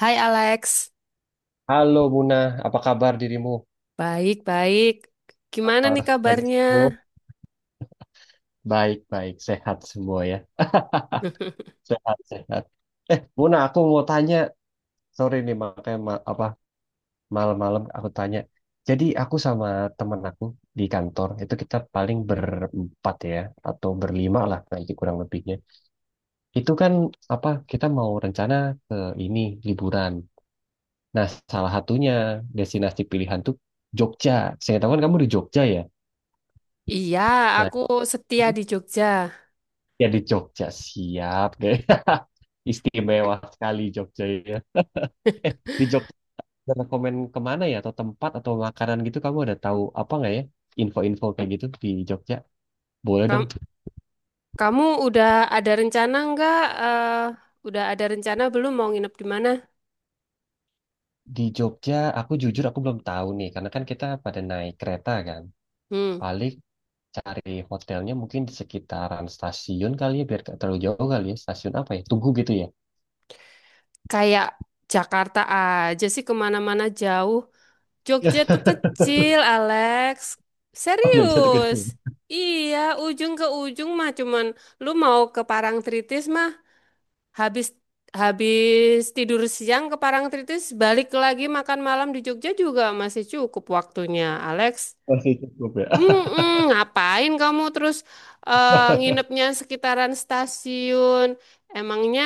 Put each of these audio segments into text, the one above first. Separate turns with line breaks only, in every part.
Hai Alex,
Halo Muna, apa kabar dirimu?
baik-baik. Gimana
Kabar
nih
lagi
kabarnya?
sembuh? Baik, baik, sehat semua ya. Sehat, sehat. Eh, Muna, aku mau tanya. Sorry nih, makanya ma- apa malam-malam aku tanya. Jadi aku sama temen aku di kantor itu kita paling berempat ya, atau berlima lah nanti kurang lebihnya. Itu kan apa kita mau rencana ke ini liburan. Nah, salah satunya destinasi pilihan tuh Jogja. Saya tahu kan kamu di Jogja ya.
Iya,
Nah,
aku setia di Jogja.
ya di Jogja siap deh. Istimewa sekali Jogja ya. Eh, di Jogja ada rekomen kemana ya atau tempat atau makanan gitu kamu ada tahu apa nggak ya? Info-info kayak gitu di Jogja. Boleh dong.
Kam- Kamu, udah ada rencana nggak? Udah ada rencana belum mau nginep di mana?
Di Jogja aku jujur aku belum tahu nih karena kan kita pada naik kereta kan.
Hmm,
Paling cari hotelnya mungkin di sekitaran stasiun kali ya biar nggak terlalu jauh kali ya. Stasiun apa ya? Tugu gitu ya.
kayak Jakarta aja sih kemana-mana jauh. Jogja tuh kecil, Alex.
Oh, Jogja tuh
Serius?
kecil.
Iya, ujung ke ujung mah cuman lu mau ke Parangtritis mah Habis habis tidur siang ke Parangtritis, balik lagi makan malam di Jogja juga masih cukup waktunya, Alex.
Masih cukup ya.
Mm-mm, ngapain kamu terus nginepnya sekitaran stasiun? Emangnya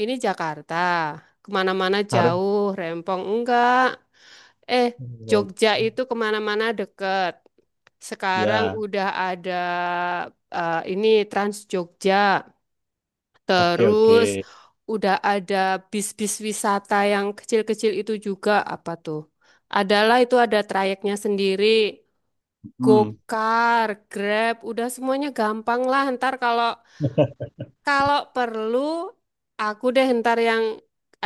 ini Jakarta, kemana-mana
Harus.
jauh, rempong enggak? Eh, Jogja itu kemana-mana deket. Sekarang
Ya.
udah ada ini Trans Jogja.
Oke, oke.
Terus udah ada bis-bis wisata yang kecil-kecil itu juga apa tuh? Adalah itu ada trayeknya sendiri,
Hmm,
Gokar, Grab, udah semuanya gampang lah. Ntar kalau kalau perlu aku deh ntar yang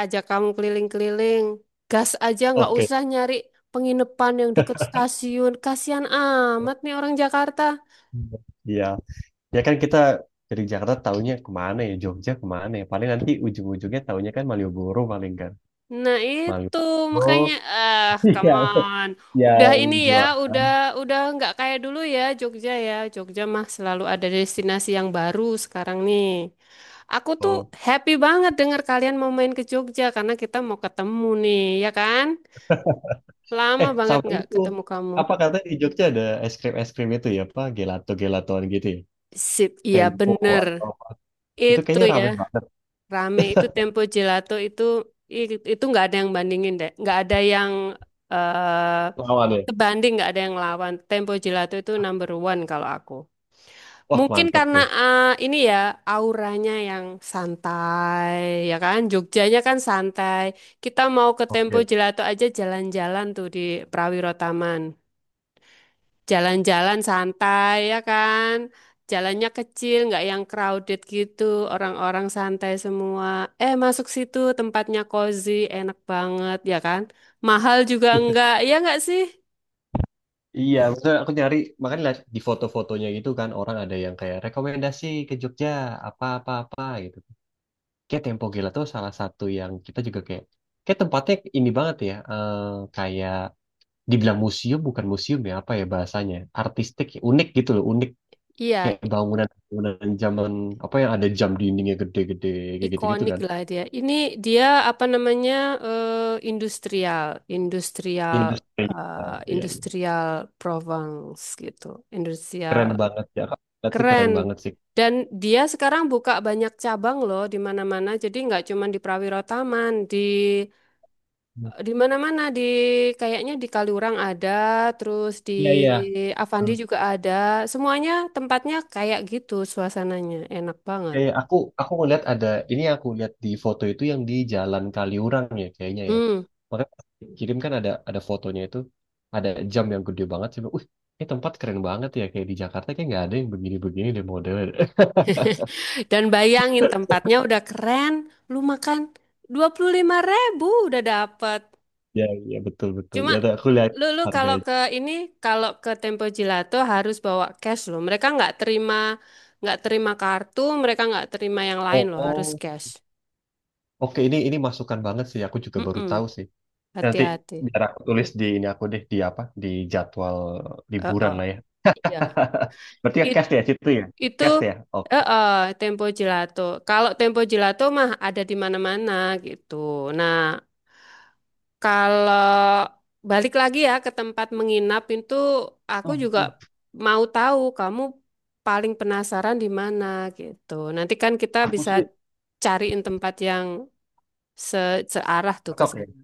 ajak kamu keliling-keliling. Gas aja nggak
oke.
usah nyari penginapan yang deket stasiun. Kasihan amat nih orang Jakarta.
Iya. Ya kan kita dari Jakarta taunya kemana ya? Jogja kemana ya? Paling nanti ujung-ujungnya taunya kan Malioboro paling kan.
Nah itu makanya
Malioboro
ah come
yang,
on. Udah
yang
ini ya,
jualan.
udah nggak kayak dulu ya. Jogja mah selalu ada destinasi yang baru sekarang nih. Aku tuh
Oh.
happy banget denger kalian mau main ke Jogja karena kita mau ketemu nih, ya kan? Lama
Eh,
banget
sama
nggak
itu.
ketemu kamu.
Apa katanya di Jogja ada es krim-es krim itu ya? Apa? Gelato-gelatoan gitu ya?
Sip, iya
Tempo
bener.
atau... Itu
Itu
kayaknya
ya,
rame banget.
rame itu Tempo Gelato itu itu nggak ada yang bandingin deh. Nggak ada yang eh,
Lawan ya?
sebanding nggak ada yang lawan. Tempo Gelato itu number one kalau aku.
Wah,
Mungkin
mantap
karena
deh.
ini ya auranya yang santai, ya kan? Jogjanya kan santai. Kita mau ke Tempo
Oke,
Gelato aja jalan-jalan tuh di Prawiro Taman. Jalan-jalan santai ya kan? Jalannya kecil, nggak yang crowded gitu. Orang-orang santai semua. Eh masuk situ tempatnya cozy, enak banget ya kan? Mahal juga enggak, ya nggak sih?
iya, maksudnya aku nyari, makanya lihat di foto-fotonya gitu kan, orang ada yang kayak rekomendasi ke Jogja, apa-apa-apa gitu. Kayak Tempo Gila tuh salah satu yang kita juga kayak tempatnya ini banget ya, kayak dibilang museum, bukan museum ya, apa ya bahasanya, artistik, ya, unik gitu loh, unik.
Iya,
Kayak bangunan-bangunan zaman, apa yang ada jam dindingnya gede-gede, kayak gitu-gitu
ikonik
kan.
lah dia. Ini dia apa namanya eh, industrial, industrial,
Industri, Iya, iya.
industrial Provence gitu, industrial
Keren banget ya, Kak. Berarti
keren.
keren banget sih.
Dan dia sekarang buka banyak cabang loh di mana-mana. Jadi nggak cuma di Prawiro Taman, di mana-mana di kayaknya di Kaliurang ada, terus di
Iya, iya.
Avandi juga ada. Semuanya tempatnya kayak gitu, suasananya enak banget.
Kayak aku ngeliat ada ini aku lihat di foto itu yang di Jalan Kaliurang ya kayaknya ya.
Hmm.
Makanya pas kirim kan ada fotonya itu ada jam yang gede banget sih. Wih, ini tempat keren banget ya kayak di Jakarta kayak nggak ada yang begini-begini deh modelnya.
Dan bayangin tempatnya udah keren, lu makan 25 ribu udah dapet.
Ya, ya, betul betul.
Cuma
Ya aku lihat
lu kalau
harganya.
ke ini, kalau ke Tempo Gelato harus bawa cash loh. Mereka nggak terima kartu, mereka nggak terima yang lain loh, harus
Oh,
cash.
oke ini masukan banget sih. Aku juga baru
Mm-mm,
tahu sih. Nanti
hati-hati.
biar aku tulis di ini aku deh di apa di jadwal liburan
Heeh.
lah ya.
Iya.
Berarti ya
It-
cash ya situ ya,
itu
cash ya. Oke.
heeh, Tempo Gelato. Kalau Tempo Gelato mah ada di mana-mana gitu. Nah, kalau balik lagi ya ke tempat menginap itu, aku
Hmm,
juga
hmm.
mau tahu kamu paling penasaran di mana gitu. Nanti kan kita
Aku
bisa
sih
cariin tempat yang searah tuh ke
cocok ya?
sana.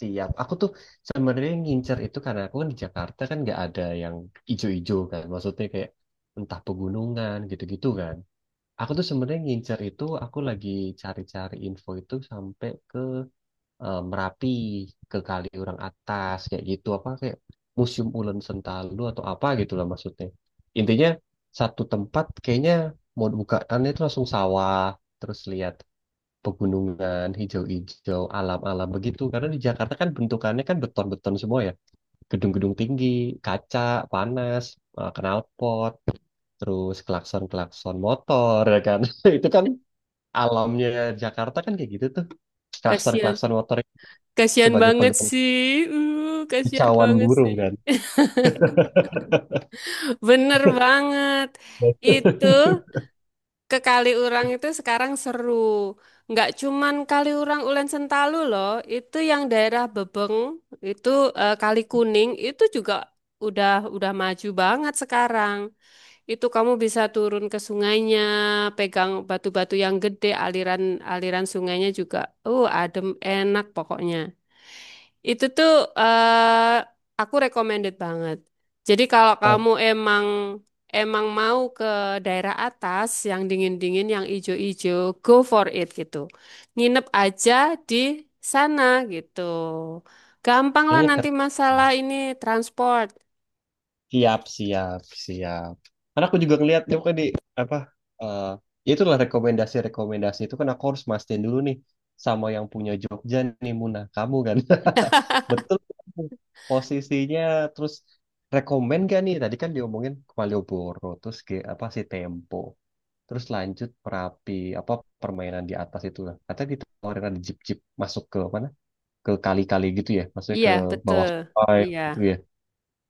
Siap. Aku tuh sebenarnya ngincer itu karena aku kan di Jakarta kan nggak ada yang ijo-ijo kan. Maksudnya kayak entah pegunungan gitu-gitu kan. Aku tuh sebenarnya ngincer itu aku lagi cari-cari info itu sampai ke Merapi, ke Kaliurang Atas kayak gitu apa kayak Museum Ulen Sentalu atau apa gitu lah maksudnya. Intinya satu tempat kayaknya mau bukaan itu langsung sawah terus lihat pegunungan, hijau-hijau, alam-alam begitu. Karena di Jakarta kan bentukannya kan beton-beton semua ya. Gedung-gedung tinggi, kaca, panas, knalpot, terus klakson-klakson motor ya kan. Itu kan alamnya Jakarta kan kayak gitu tuh.
Kasihan,
Klakson-klakson motor
kasihan
sebagai
banget
pegangan
sih. Kasihan
kicauan
banget
burung
sih.
kan.
Bener banget. Itu ke Kaliurang itu sekarang seru. Nggak cuman Kaliurang Ulen Sentalu loh, itu yang daerah Bebeng, itu Kali Kuning itu juga udah udah maju banget sekarang. Itu kamu bisa turun ke sungainya, pegang batu-batu yang gede, aliran-aliran sungainya juga. Adem, enak pokoknya. Itu tuh eh aku recommended banget. Jadi kalau kamu
Oh,
emang emang mau ke daerah atas yang dingin-dingin, yang ijo-ijo, go for it gitu. Nginep aja di sana gitu. Gampang lah
kayaknya
nanti
keren.
masalah ini transport.
Siap, siap, siap. Karena aku juga ngeliat tuh kan di apa eh ya itulah rekomendasi-rekomendasi itu kan aku harus mastiin dulu nih sama yang punya Jogja nih Muna kamu kan. Betul posisinya terus rekomen gak nih? Tadi kan diomongin ke Malioboro terus ke apa sih Tempo. Terus lanjut Merapi apa permainan di atas itu lah. Katanya ditawarin ada jeep-jeep masuk ke mana? Ke kali-kali gitu ya. Maksudnya ke
Iya, betul.
bawah sungai
Iya.
gitu ya.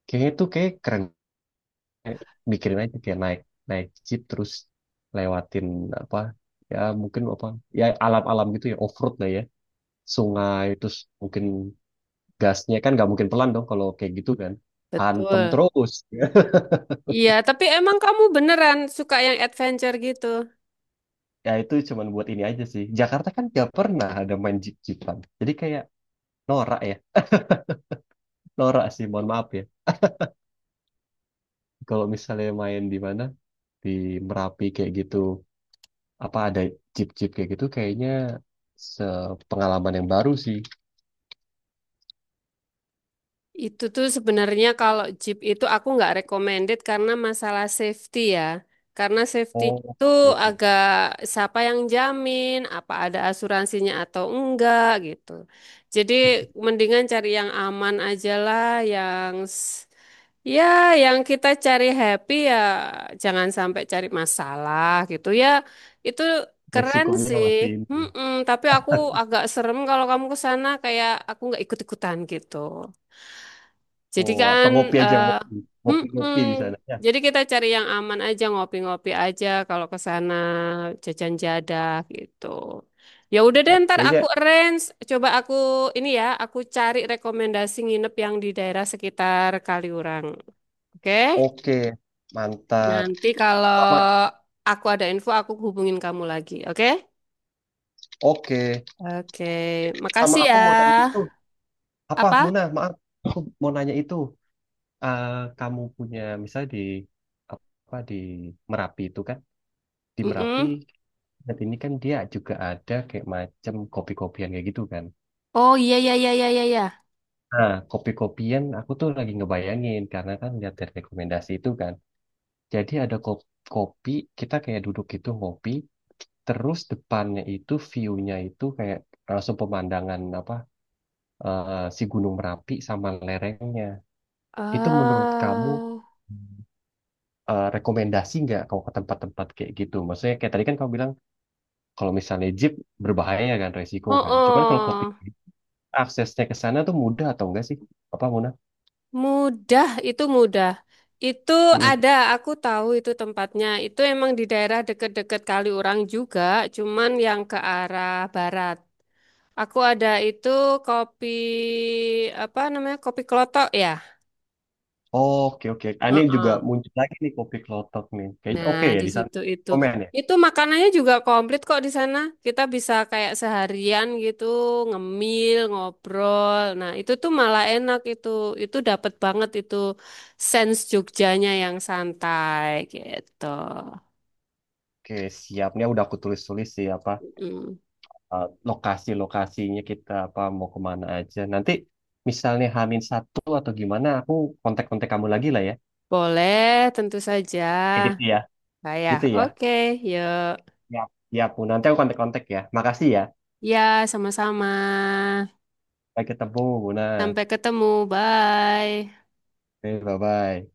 Kayaknya itu kayak keren kayak mikirin aja kayak naik naik jeep terus lewatin apa ya mungkin apa ya alam-alam gitu ya off-road lah ya sungai terus mungkin gasnya kan nggak mungkin pelan dong kalau kayak gitu kan hantem
Betul.
terus.
Iya, tapi emang kamu beneran suka yang adventure gitu.
Ya itu cuman buat ini aja sih Jakarta kan nggak pernah ada main jeep-jeepan jadi kayak norak ya norak sih mohon maaf ya kalau misalnya main di mana di Merapi kayak gitu apa ada jeep-jeep kayak gitu kayaknya sepengalaman yang baru sih.
Itu tuh sebenarnya kalau Jeep itu aku nggak recommended karena masalah safety ya. Karena safety
Oh,
itu
oke.
agak siapa yang jamin, apa ada asuransinya atau enggak gitu. Jadi mendingan cari yang aman aja lah, yang Ya, yang kita cari happy ya jangan sampai cari masalah gitu ya. Itu keren
Resikonya
sih.
masih ini.
Mm-mm, tapi aku agak serem kalau kamu ke sana kayak aku nggak ikut-ikutan gitu. Jadi
Oh, atau
kan
ngopi aja,
eh
ngopi.
mm-mm,
Ngopi-ngopi di sana. Ya,
jadi kita cari yang aman aja, ngopi-ngopi aja kalau ke sana jajan
ah,
jadah gitu. Ya udah deh
siap.
ntar
Kayaknya
aku arrange, coba aku ini ya, aku cari rekomendasi nginep yang di daerah sekitar Kaliurang. Oke?
oke. Mantap.
Nanti kalau
Sama,
aku ada info, aku hubungin kamu lagi, oke?
oke.
Oke,
Sama
makasih
aku
ya.
mau tanya itu. Apa,
Apa?
Muna? Maaf. Aku mau nanya itu. Eh, kamu punya, misalnya di, apa, di Merapi itu kan. Di Merapi,
Mm-mm.
saat ini kan dia juga ada kayak macam kopi-kopian kayak gitu kan.
Oh iya iya iya iya iya. Iya.
Nah, kopi-kopian aku tuh lagi ngebayangin. Karena kan lihat dari rekomendasi itu kan. Jadi ada kopi, kita kayak duduk gitu ngopi, terus depannya itu view-nya itu kayak langsung pemandangan apa si Gunung Merapi sama lerengnya. Itu menurut kamu
Eh,
rekomendasi nggak kalau ke tempat-tempat kayak gitu? Maksudnya kayak tadi kan kamu bilang kalau misalnya jeep berbahaya kan resiko
oh,
kan. Cuman kalau kopi
oh,
aksesnya ke sana tuh mudah atau enggak sih? Apa Muna?
mudah. Itu
Mm-mm.
ada, aku tahu itu tempatnya. Itu emang di daerah deket-deket Kaliurang juga, cuman yang ke arah barat. Aku ada itu kopi apa namanya kopi kelotok ya.
Oh, oke oke. Ah, ini juga
Heeh.
muncul lagi nih kopi klotok nih. Kayaknya
Nah,
oke ya
di
di sana.
situ itu.
Komen ya.
Itu makanannya juga komplit kok di sana. Kita bisa kayak seharian gitu, ngemil, ngobrol. Nah, itu tuh malah enak itu. Itu dapet banget itu sense Jogjanya yang santai gitu.
Oke, siapnya udah aku tulis-tulis sih apa
Mm.
lokasi-lokasinya kita apa mau kemana aja. Nanti misalnya Hamin satu atau gimana, aku kontak-kontak kamu lagi lah ya.
Boleh, tentu saja.
Kayak gitu ya,
Bayah.
gitu ya.
Oke, yuk.
Ya, ya Bu. Nanti aku kontak-kontak ya. Makasih ya.
Ya, sama-sama.
Sampai ketemu, Bu. Nah,
Sampai ketemu. Bye.
bye bye.